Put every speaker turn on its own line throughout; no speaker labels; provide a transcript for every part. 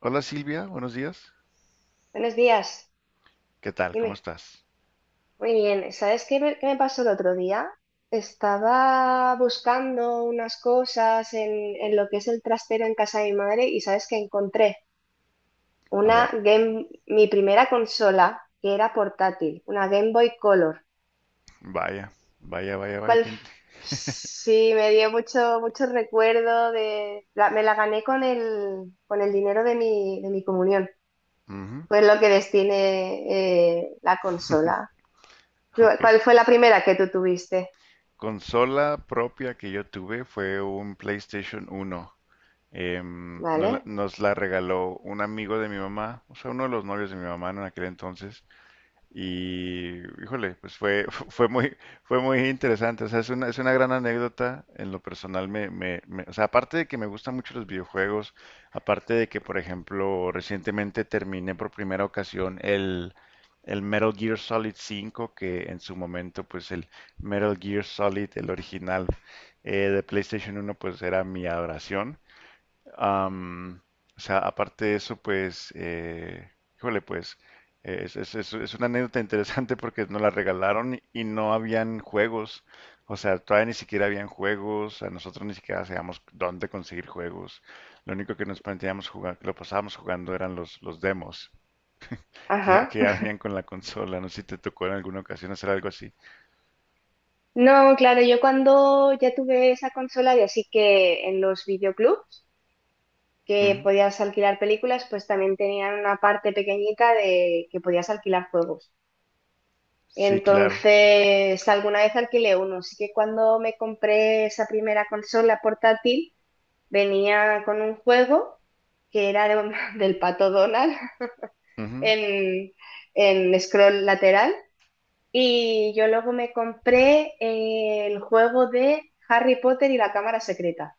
Hola Silvia, buenos días.
Buenos días,
¿Qué tal? ¿Cómo
dime.
estás?
Muy bien, ¿sabes qué me pasó el otro día? Estaba buscando unas cosas en lo que es el trastero en casa de mi madre y sabes que encontré
A
una
ver,
Game, mi primera consola que era portátil, una Game Boy Color.
vaya, vaya.
¿Cuál? Sí me dio mucho recuerdo de, me la gané con el dinero de mi comunión,
Ujú.
fue lo que destiné la consola.
Ok.
¿Cuál fue la primera que tú tuviste?
Consola propia que yo tuve fue un PlayStation uno. No la-
Vale.
Nos la regaló un amigo de mi mamá, o sea, uno de los novios de mi mamá en aquel entonces. Y, híjole, fue fue muy interesante. O sea, es una gran anécdota. En lo personal, o sea, aparte de que me gustan mucho los videojuegos, aparte de que, por ejemplo, recientemente terminé por primera ocasión el Metal Gear Solid 5, que en su momento, pues el Metal Gear Solid, el original de PlayStation uno pues era mi adoración. Am, o sea, aparte de eso, pues, híjole, pues, es una anécdota interesante porque nos la regalaron y no habían juegos. O sea, todavía ni siquiera habían juegos, a nosotros ni siquiera sabíamos dónde conseguir juegos. Lo único que nos planteábamos jugar, que lo pasábamos jugando eran los demos,
Ajá.
que ya venían con la consola. No sé si te tocó en alguna ocasión hacer algo así.
No, claro, yo cuando ya tuve esa consola y así que en los videoclubs que
Ujú.
podías alquilar películas, pues también tenían una parte pequeñita de que podías alquilar juegos.
Sí, claro.
Entonces, alguna vez alquilé uno. Así que cuando me compré esa primera consola portátil, venía con un juego que era de del Pato Donald
Ujú.
en, en scroll lateral. Y yo luego me compré el juego de Harry Potter y la Cámara Secreta.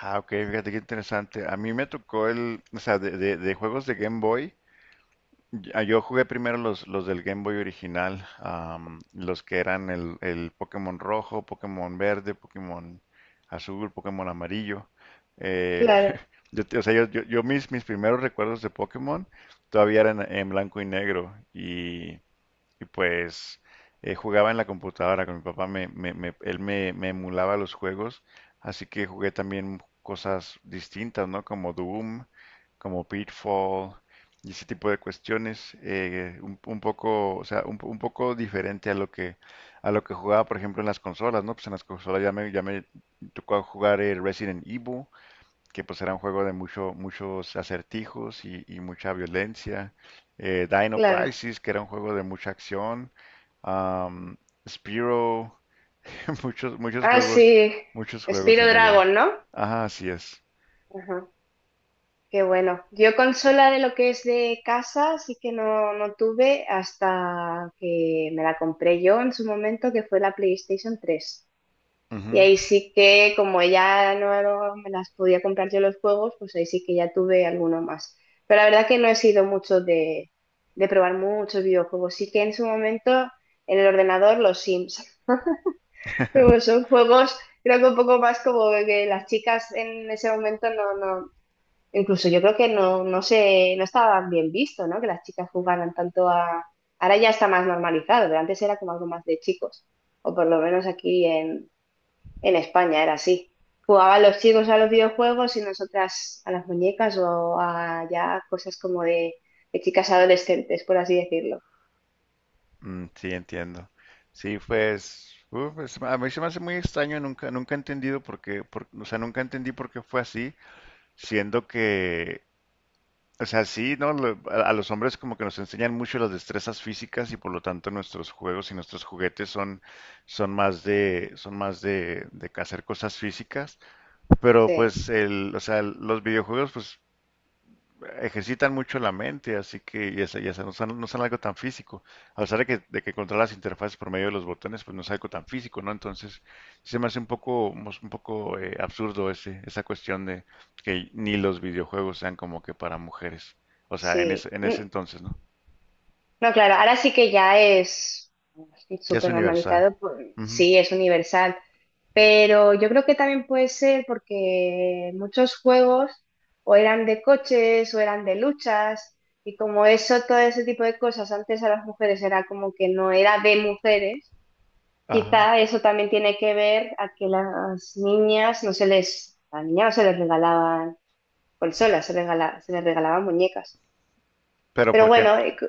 Ah, ok, fíjate qué interesante. A mí me tocó de juegos de Game Boy. Ya, yo jugué primero los del Game Boy original, los que eran el Pokémon rojo, Pokémon verde, Pokémon azul, Pokémon amarillo. Eh,
Claro,
o sea, yo mis primeros recuerdos de Pokémon todavía eran en blanco y negro y pues jugaba en la computadora con mi papá, él me, me emulaba los juegos, así que jugué también cosas distintas, ¿no? Como Doom, como Pitfall y ese tipo de cuestiones, un poco, o sea, un poco diferente a lo que jugaba, por ejemplo, en las consolas, ¿no? Pues en las consolas ya me tocó jugar el Resident Evil, que pues era un juego de muchos acertijos y mucha violencia. Dino
claro.
Crisis, que era un juego de mucha acción. Am, Spyro, muchos,
Ah, sí.
muchos juegos
Spyro
en realidad.
Dragon, ¿no?
Ajá, así es.
Ajá. Qué bueno. Yo consola de lo que es de casa, sí que no tuve hasta que me la compré yo en su momento, que fue la PlayStation 3. Y
Ujú.
ahí sí que, como ya no me las podía comprar yo los juegos, pues ahí sí que ya tuve alguno más. Pero la verdad que no he sido mucho de probar muchos videojuegos. Sí que en su momento en el ordenador los Sims. Pero son juegos, creo que un poco más como que las chicas en ese momento no, no, incluso yo creo que no sé, no estaban bien visto, ¿no? Que las chicas jugaran tanto a... Ahora ya está más normalizado, pero antes era como algo más de chicos, o por lo menos aquí en España era así. Jugaban los chicos a los videojuegos y nosotras a las muñecas o a ya cosas como de chicas adolescentes, por así decirlo.
Mm, sí, entiendo. Sí, pues, pues, a mí se me hace muy extraño, nunca he entendido por qué, o sea, nunca entendí por qué fue así, siendo que, o sea, sí, ¿no? A los hombres como que nos enseñan mucho las destrezas físicas y por lo tanto nuestros juegos y nuestros juguetes son, son más de hacer cosas físicas. Pero
Sí,
pues el, o sea, los videojuegos, pues ejercitan mucho la mente, así que ya, no son, no son algo tan físico. A pesar de de que controlas las interfaces por medio de los botones, pues no es algo tan físico, ¿no? Entonces, sí se me hace un poco, un poco absurdo ese, esa cuestión de que ni los videojuegos sean como que para mujeres. O sea, en
sí.
en ese
Mm.
entonces, ¿no?
No, claro, ahora sí que ya es
Ya es
súper
universal.
normalizado, pues,
Ujú.
sí, es universal, pero yo creo que también puede ser porque muchos juegos o eran de coches o eran de luchas y como eso, todo ese tipo de cosas antes a las mujeres era como que no era de mujeres.
Ajá.
Quizá eso también tiene que ver a que las niñas no se les, a las niñas no se les regalaban consolas, se les regalaban muñecas.
Pero
Pero
porque,
bueno,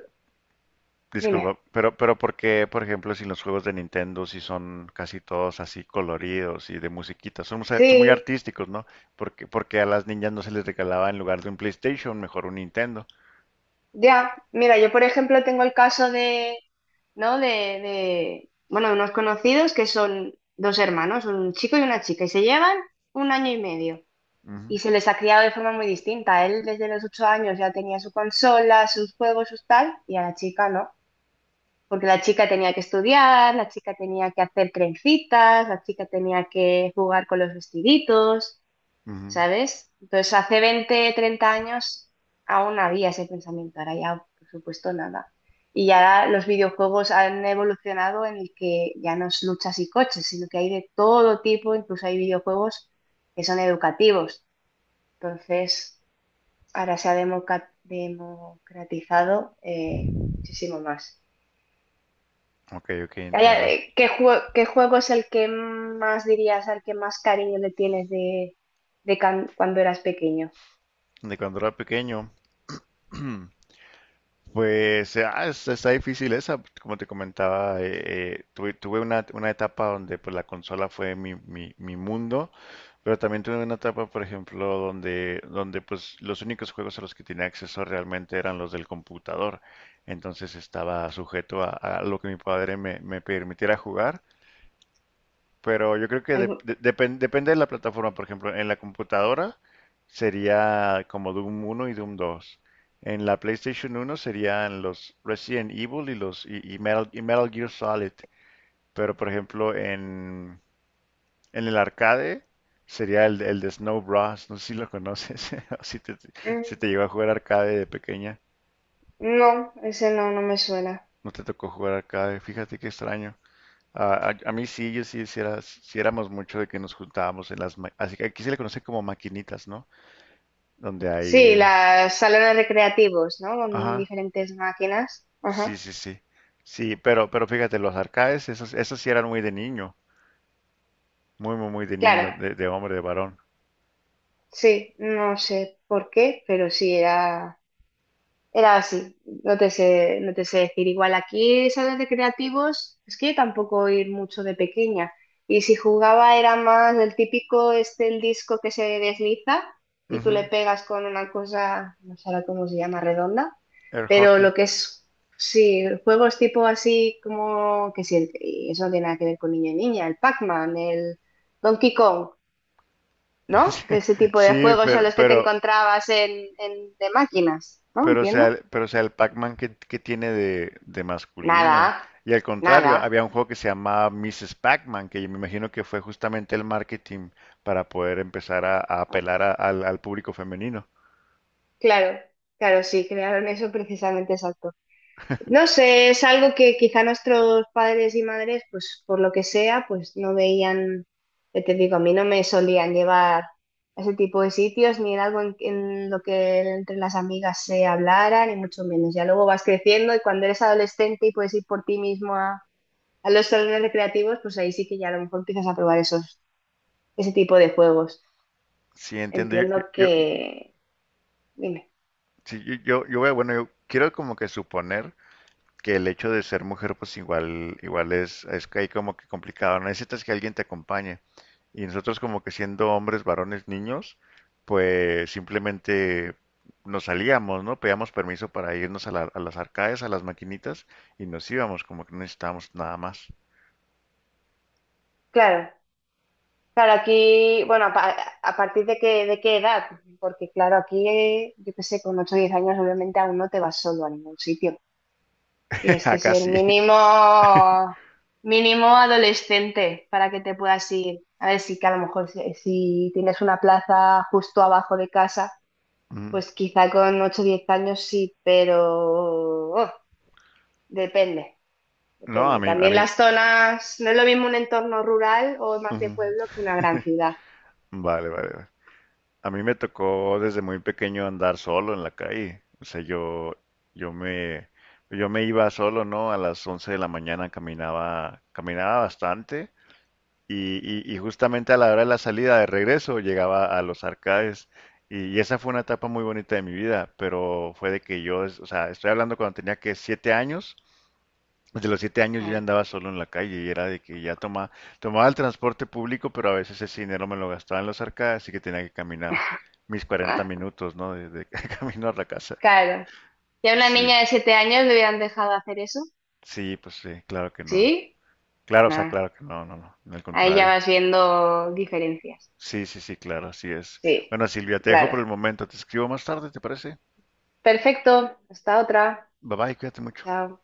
dime.
disculpa, pero porque por ejemplo, si los juegos de Nintendo si son casi todos así coloridos y de musiquita. Son, son muy
Sí,
artísticos, ¿no? Porque, porque a las niñas no se les regalaba en lugar de un PlayStation, mejor un Nintendo.
ya. Mira, yo por ejemplo tengo el caso ¿no? Bueno, de unos conocidos que son dos hermanos, un chico y una chica, y se llevan 1 año y medio.
Ujú,
Y se les ha criado de forma muy distinta. Él desde los 8 años ya tenía su consola, sus juegos, sus tal, y a la chica no, porque la chica tenía que estudiar, la chica tenía que hacer trencitas, la chica tenía que jugar con los vestiditos,
ujú.
¿sabes? Entonces hace 20, 30 años aún había ese pensamiento, ahora ya por supuesto nada. Y ya los videojuegos han evolucionado en el que ya no es luchas y coches, sino que hay de todo tipo, incluso hay videojuegos que son educativos. Entonces, ahora se ha democratizado muchísimo más.
Ok, ok,
Calla,
entiendo.
¿qué juego es el que más dirías, al que más cariño le tienes cuando eras pequeño?
De cuando era pequeño. hmm, Pues está difícil esa, como te comentaba, tuve una etapa donde pues la consola fue mi mundo, pero también tuve una etapa, por ejemplo, donde pues los únicos juegos a los que tenía acceso realmente eran los del computador, entonces estaba sujeto a lo que mi padre me permitiera jugar, pero yo creo que
Algu-
depende de la plataforma. Por ejemplo, en la computadora sería como Doom uno y Doom dos. En la PlayStation uno serían los Resident Evil y y Metal Gear Solid. Pero por ejemplo, en el arcade sería el de Snow Bros. No sé si lo conoces o si te, si
Mm.
te llegó a jugar arcade de pequeña.
No, ese no, no me suena.
No te tocó jugar arcade. Fíjate qué extraño. A, a mí sí, yo sí, sí, sí éramos mucho de que nos juntábamos en las... Así que aquí se le conoce como maquinitas, ¿no? Donde
Sí,
hay...
los salones recreativos, ¿no? Con
Ajá,
diferentes máquinas.
sí,
Ajá.
sí, sí. Sí, pero fíjate, los arcades, esos, esos sí eran muy de niño. Muy, muy, muy de
Claro,
niño, de hombre, de varón.
sí, no sé por qué, pero sí era. Era así, no te sé decir. Igual aquí salones de creativos, es que yo tampoco ir mucho de pequeña. Y si jugaba era más el típico, este, el disco que se desliza y tú le
Ujú.
pegas con una cosa, no sé ahora cómo se llama, redonda.
Air
Pero lo
hockey.
que es, sí, juegos tipo así como, que sí, y eso no tiene nada que ver con niño y niña, el Pac-Man, el Donkey Kong, ¿no? Que ese tipo de
Sí,
juegos son los que te encontrabas de máquinas, ¿no?
pero o sea,
Entiendo.
pero o sea, el Pac-Man tiene de masculino.
Nada,
Y al contrario,
nada.
había un juego que se llamaba Mrs. Pac-Man, que yo me imagino que fue justamente el marketing para poder empezar a apelar al público femenino.
Claro, claro, sí, crearon eso precisamente, exacto. No sé, es algo que quizá nuestros padres y madres, pues por lo que sea, pues no veían, ya te digo, a mí no me solían llevar a ese tipo de sitios, ni era algo en lo que entre las amigas se hablara, ni mucho menos. Ya luego vas creciendo y cuando eres adolescente y puedes ir por ti mismo a los salones recreativos, pues ahí sí que ya a lo mejor empiezas a probar ese tipo de juegos.
Sí, entiendo.
Entiendo que... Dime.
Sí, yo voy bueno, yo quiero como que suponer que el hecho de ser mujer, pues igual, igual es que ahí como que complicado. ¿No? Necesitas que alguien te acompañe. Y nosotros como que siendo hombres, varones, niños, pues simplemente nos salíamos, ¿no? Pedíamos permiso para irnos a las arcades, a las maquinitas y nos íbamos, como que no necesitábamos nada más.
Claro, claro, aquí, bueno, a partir de de qué edad, porque claro, aquí, yo qué sé, con 8 o 10 años obviamente aún no te vas solo a ningún sitio. Tienes que
Acá
ser
sí.
mínimo adolescente para que te puedas ir. A ver, sí que a lo mejor si tienes una plaza justo abajo de casa,
Ujú.
pues quizá con 8 o 10 años sí, pero oh, depende,
No, a
depende.
mí, a
También
mí.
las zonas, no es lo mismo un entorno rural o más de
Ujú.
pueblo que una gran ciudad.
Vale, vale, vale. A mí me tocó desde muy pequeño andar solo en la calle. O sea, yo, yo me, yo me iba solo, ¿no? A las 11 de la mañana caminaba, caminaba bastante y, y justamente a la hora de la salida de regreso llegaba a los arcades y esa fue una etapa muy bonita de mi vida, pero fue de que yo, o sea, estoy hablando cuando tenía que 7 años, desde los siete años yo ya
Claro.
andaba solo en la calle y era de que ya toma, tomaba el transporte público, pero a veces ese dinero me lo gastaba en las arcadas, así que tenía que caminar mis 40 minutos, ¿no? De camino a la casa.
Claro. Si a una
Sí,
niña de 7 años le hubieran dejado hacer eso,
sí, pues sí, claro que no.
¿sí?
Claro, o sea,
Ah,
claro que no, no, no, al
ahí ya
contrario.
vas viendo diferencias.
Sí, sí, sí, claro, así es.
Sí,
Bueno, Silvia, te dejo
claro.
por el momento, te escribo más tarde, ¿te parece?
Perfecto. Hasta otra.
Bye bye, cuídate mucho.
Chao.